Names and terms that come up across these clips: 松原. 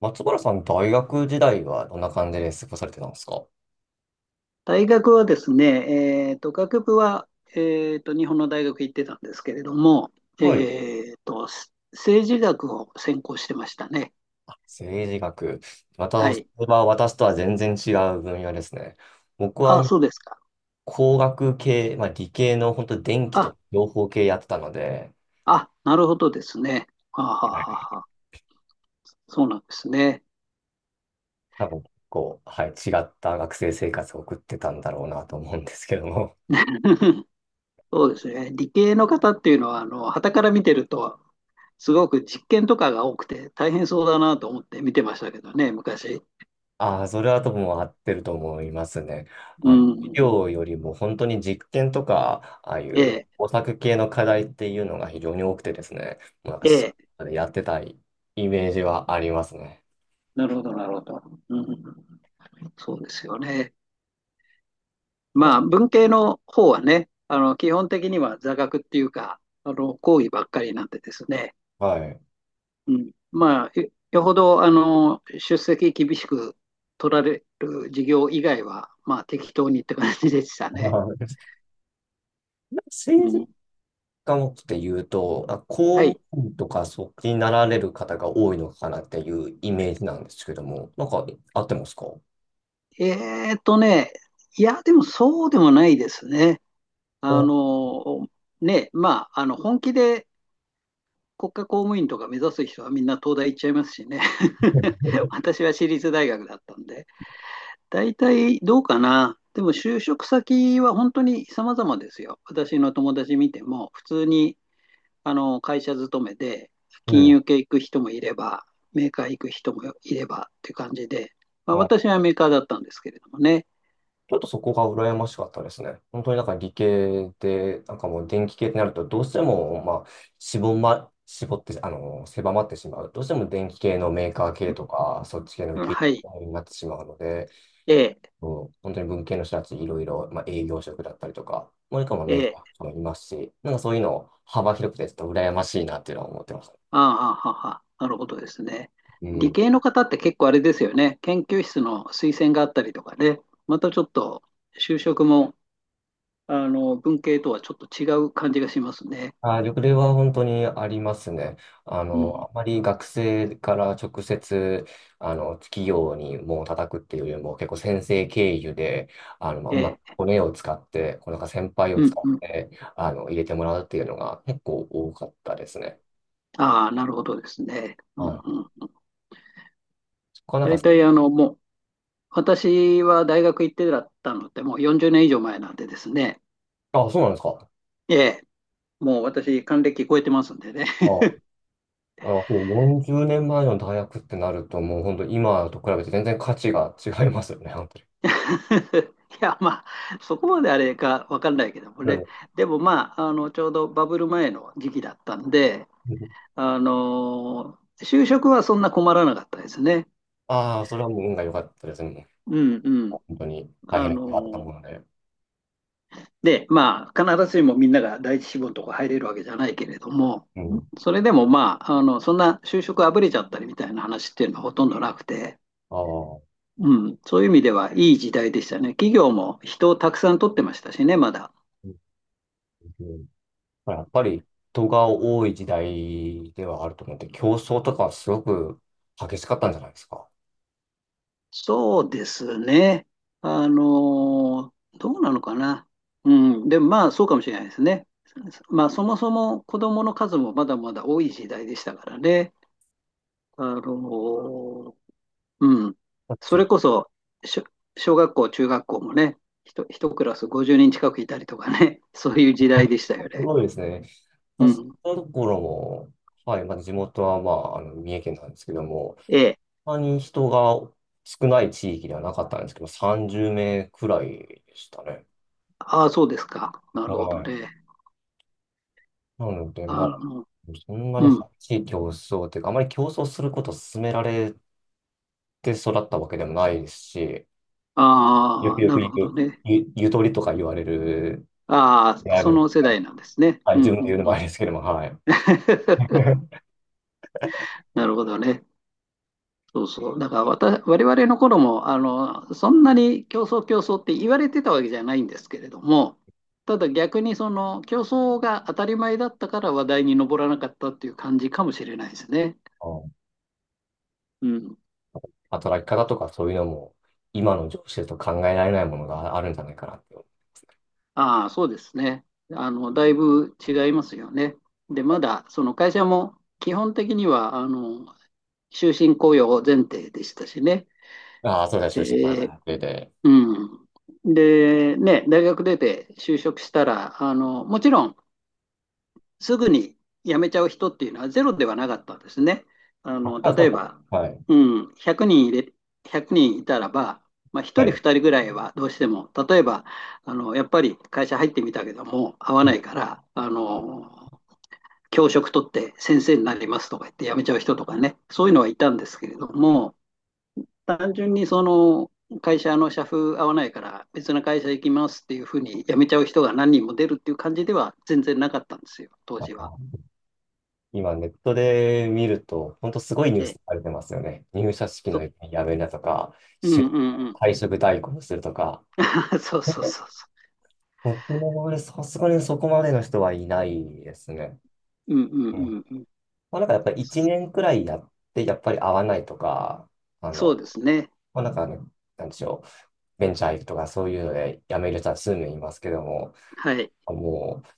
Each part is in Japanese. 松原さん、大学時代はどんな感じで過ごされてたんですか？大学はですね、学部は、日本の大学行ってたんですけれども、はい。えーと、政治学を専攻してましたね。政治学。まはた、そい。れは私とは全然違う分野ですね。僕はあ、もうそうですか。工学系、まあ、理系の本当電気あ、と情報系やってたので、あ、なるほどですね。はあ、はあはあはあ、そうなんですね。多分こう、はい、違った学生生活を送ってたんだろうなと思うんですけども。そうですね。理系の方っていうのは、傍から見てると、すごく実験とかが多くて大変そうだなと思って見てましたけどね、昔。ああ、それはとも合ってると思いますね。うあの、医ん。療よりも本当に実験とか、ああいえうえ、工作系の課題っていうのが非常に多くてですね、もうなんかええ。やってたいイメージはありますね。なるほど、なるほど。うん。そうですよね。まあ、文系の方はね、基本的には座学っていうか、講義ばっかりなんでですね、はい。うん。まあ、よほど、出席厳しく取られる授業以外は、まあ、適当にって感じでしたね。う政治ん。家もって言うと、は公い。務員とかそっちになられる方が多いのかなっていうイメージなんですけども、なんか合ってますか？えーっとね、いや、でもそうでもないですね。あお、の、ね、まあ、本気で国家公務員とか目指す人はみんな東大行っちゃいますしね。私は私立大学だったんで。大体どうかな。でも就職先は本当に様々ですよ。私の友達見ても、普通に会社勤めで、う金ん。融系行く人もいれば、メーカー行く人もいればっていう感じで、まあ、あ私はメーカーだったんですけれどもね。ちょっとそこが羨ましかったですね。本当になんか理系で、なんかもう電気系ってなると、どうしても、まあ、絞って、あの、狭まってしまう。どうしても電気系のメーカー系とか、そっち系の技はい。術になってしまうので、ええ、もう本当に文系の人たち、いろいろ、まあ、営業職だったりとか、もう一個もえメーえ、カーもいますし、なんかそういうの幅広くて、ちょっと羨ましいなっていうのは思ってました。ああ、はあはあ、なるほどですね。う理ん。系の方って結構あれですよね。研究室の推薦があったりとかね。またちょっと就職も、文系とはちょっと違う感じがしますね。あー、緑例は本当にありますね。あうの、ん。あまり学生から直接、あの、企業にもう叩くっていうよりも、結構先生経由で、あの、まあ、うまくで、骨を使って、こうなんか先輩をうん使っうん。て、あの、入れてもらうっていうのが結構多かったですね。ああ、なるほどですね。うんはい。うん。そこはなん大か、体、私は大学行ってだったのって、もう40年以上前なんでですね。あ、そうなんですか。ええ、もう私、還暦超えてますんでね。あ、あの、こう40年前の大学ってなると、もう本当今と比べて全然価値が違いますよね、本当に。いや、まあ、そこまであれかわかんないけどもでね。も、でも、まあ、ちょうどバブル前の時期だったんで、就職はそんな困らなかったですね。ああ、それはもう運が良かったですね。うんう本ん。当に大あ変なことがあったとの思うので、で、まあ、必ずしもみんなが第一志望のとこ入れるわけじゃないけれども、うん。それでもまあ、そんな就職あぶれちゃったりみたいな話っていうのはほとんどなくて、ああ、うん、そういう意味ではいい時代でしたね。企業も人をたくさん取ってましたしね、まだ。うんうん。まあやっぱり人が多い時代ではあると思って、競争とかすごく激しかったんじゃないですか？そうですね。あの、どうなのかな。うん、でもまあ、そうかもしれないですね。まあ、そもそも子供の数もまだまだ多い時代でしたからね。あの、うん。だっそて れこそ、しょ小学校、中学校もね、一クラス50人近くいたりとかね、そういう時代 でしたよすね。ごいですね。う私ん。のところも、はい、まあ、地元は、まあ、あの、三重県なんですけども、ええ。あまり人が少ない地域ではなかったんですけど、30名くらいでしたね。ああ、そうですか。なはるほどい。ね。なので、まああ、の、そんなにう激ん。しい競争というか、あまり競争することを勧められて育ったわけでもないですし、よあくあ、よくなる言ほどう、ね。ゆとりとか言われるあであ、あそる。の世代なんですね。はい、う自ん、分うで言うん、のもうあん。れですけども、はい。なるほどね。そうそう。だから我々の頃も、そんなに競争競争って言われてたわけじゃないんですけれども、ただ逆にその競争が当たり前だったから話題に上らなかったっていう感じかもしれないですね。うん。うん。働き方とかそういうのも、今の上司だと考えられないものがあるんじゃないかなって。ああ、そうですね。だいぶ違いますよね。で、まだその会社も基本的には、終身雇用前提でしたしね。ああ、そうだ、終身こらで、なってて。うん。で、ね、大学出て就職したら、もちろん、すぐに辞めちゃう人っていうのはゼロではなかったんですね。あ、例えそば、うはい。うん、100人100人いたらば、まあ、は1人い。2人ぐらいはどうしても、例えば、やっぱり会社入ってみたけども、合わないから、教職取って先生になりますとか言って辞めちゃう人とかね、そういうのはいたんですけれども、単純にその、会社の社風合わないから別の会社行きますっていうふうに辞めちゃう人が何人も出るっていう感じでは全然なかったんですよ、当あ時は。の、今ネットで見ると、本当すごいニューえスされてますよね。入社式そ、のやめなとか、うんうん就うん。退職代行するとか。あ、そうそうそうそ僕もねさすがにそこまでの人はいないですね。う。うんうんうん。うんうん。まあ、なんかやっぱり1年くらいやって、やっぱり合わないとか、あそうの、ですね。まあ、なんかあの、なんでしょう、ベンチャー行くとかそういうので辞める人は数名いますけども、はい。もう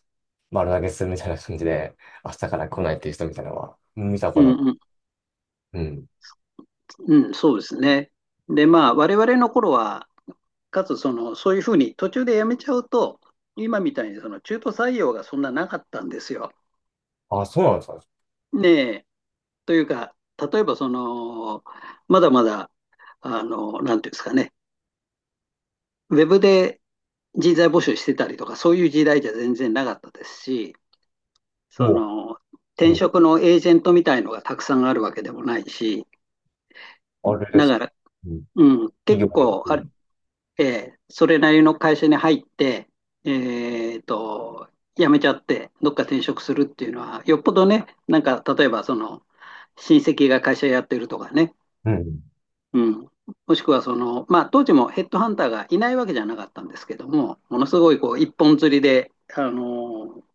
丸投げするみたいな感じで、明日から来ないっていう人みたいなのはうん見たうことが。んうん。うん。うん、そうですね。で、まあ、我々の頃は、かつその、そういうふうに途中でやめちゃうと、今みたいにその中途採用がそんななかったんですよ。あ、そうなんですか。ねえ。というか、例えばその、まだまだ、なんていうんですかね、ウェブで人材募集してたりとか、そういう時代じゃ全然なかったですし、そもの、う、う転ん、職のエージェントみたいのがたくさんあるわけでもないし、あれでだす。から、うん。うん、結企業構で。それなりの会社に入って、えーと、辞めちゃって、どっか転職するっていうのは、よっぽどね、なんか、例えば、その、親戚が会社やってるとかね、うん。うん。うん、もしくは、その、まあ、当時もヘッドハンターがいないわけじゃなかったんですけども、ものすごい、こう、一本釣りで、ー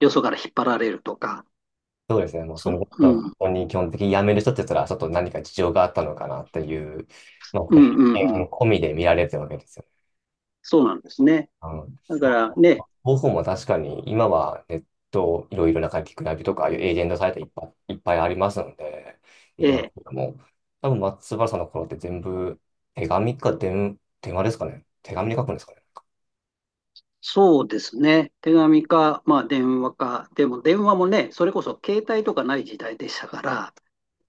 よそから引っ張られるとか、そうですね。もうそのこうとをこん、に基本的に辞める人って言ったら、ちょっと何か事情があったのかなっていう、まあ、こうん、うれん、う偏ん。見込みで見られてるわけですよね。そうなんですね。あの、だかまあ、らね、方法も確かに今はネットいろいろな書き比べとか、ああいうエージェントサイトいっぱい、いっぱいありますので、でえきますえ、けども、多分松原さんの頃って全部手紙か手話ですかね。手紙で書くんですかね。そうですね。手紙か、まあ電話か。でも電話もね、それこそ携帯とかない時代でしたから、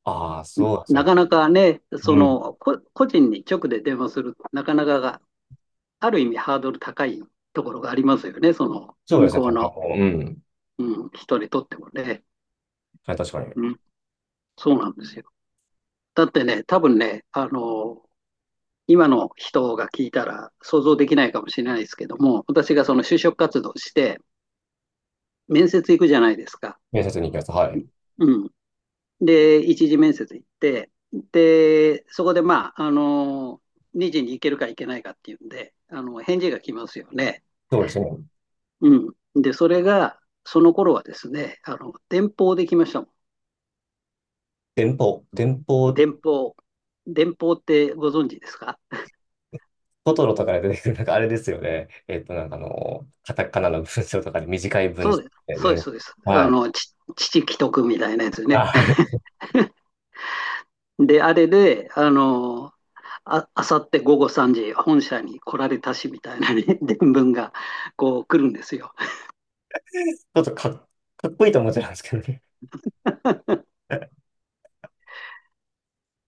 ああ、んそうですなね。かなかね、そうん。の、個人に直で電話する、なかなかが、ある意味ハードル高いところがありますよね。その、そうで向すね。こう多分の、うん。うん、人にとってもね。はい、確かに。うん、そうなんですよ。だってね、多分ね、今の人が聞いたら想像できないかもしれないですけども、私がその就職活動して、面接行くじゃないですか。面接に行きます。はい。うん。で、一次面接行って、で、そこでまあ、2次に行けるか行けないかっていうんで、返事が来ますよね。そうですね。うん。で、それが、その頃はですね、電報で来ましたも電報、電ん。報。電報。電報ってご存知ですか？トトロとかで出てくる、なんかあれですよね。えっと、なんかあの、カタカナの文章とかで短い文そ章うです。で、そうです、ね。そうです。はい。父既得みたいなやつね。あ、あれ、ち で、あれで、あさって午後3時、本社に来られたしみたいなね 伝聞がこう来るんですよ。ょっとかっ、かっこいいと思っちゃうんですけどね。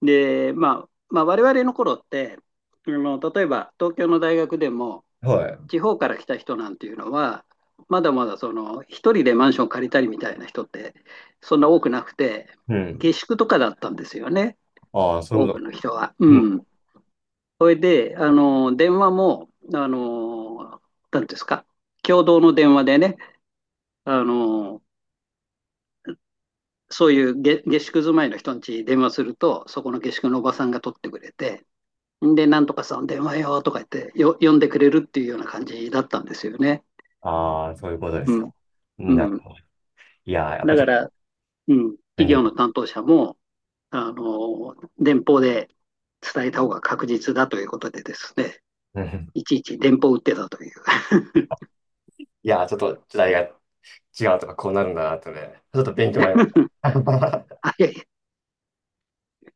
で、まあ、我々の頃って、例えば東京の大学でも、はい。地方から来た人なんていうのは、まだまだその一人でマンション借りたりみたいな人ってそんな多くなくて、うん。下宿とかだったんですよね、ああ、そうい多うこくと。の人は。うん。うん。それで、電話も、なんていうんですか、共同の電話でね、あの、そういう下宿住まいの人ん家に電話すると、そこの下宿のおばさんが取ってくれて、で、なんとかさん電話よとか言ってよ、呼んでくれるっていうような感じだったんですよね。ああ、そういうことでうすか。ん。なうるん。ほど。いやー、やっだぱちかょっと、ら、うん、便企利業のだ。担当者も、電報で伝えた方が確実だということでですね、うん。いちいち電報を打ってたという。いやー、ちょっと時代が違うとか、こうなるんだなとね、ちょっと勉強になりました。はい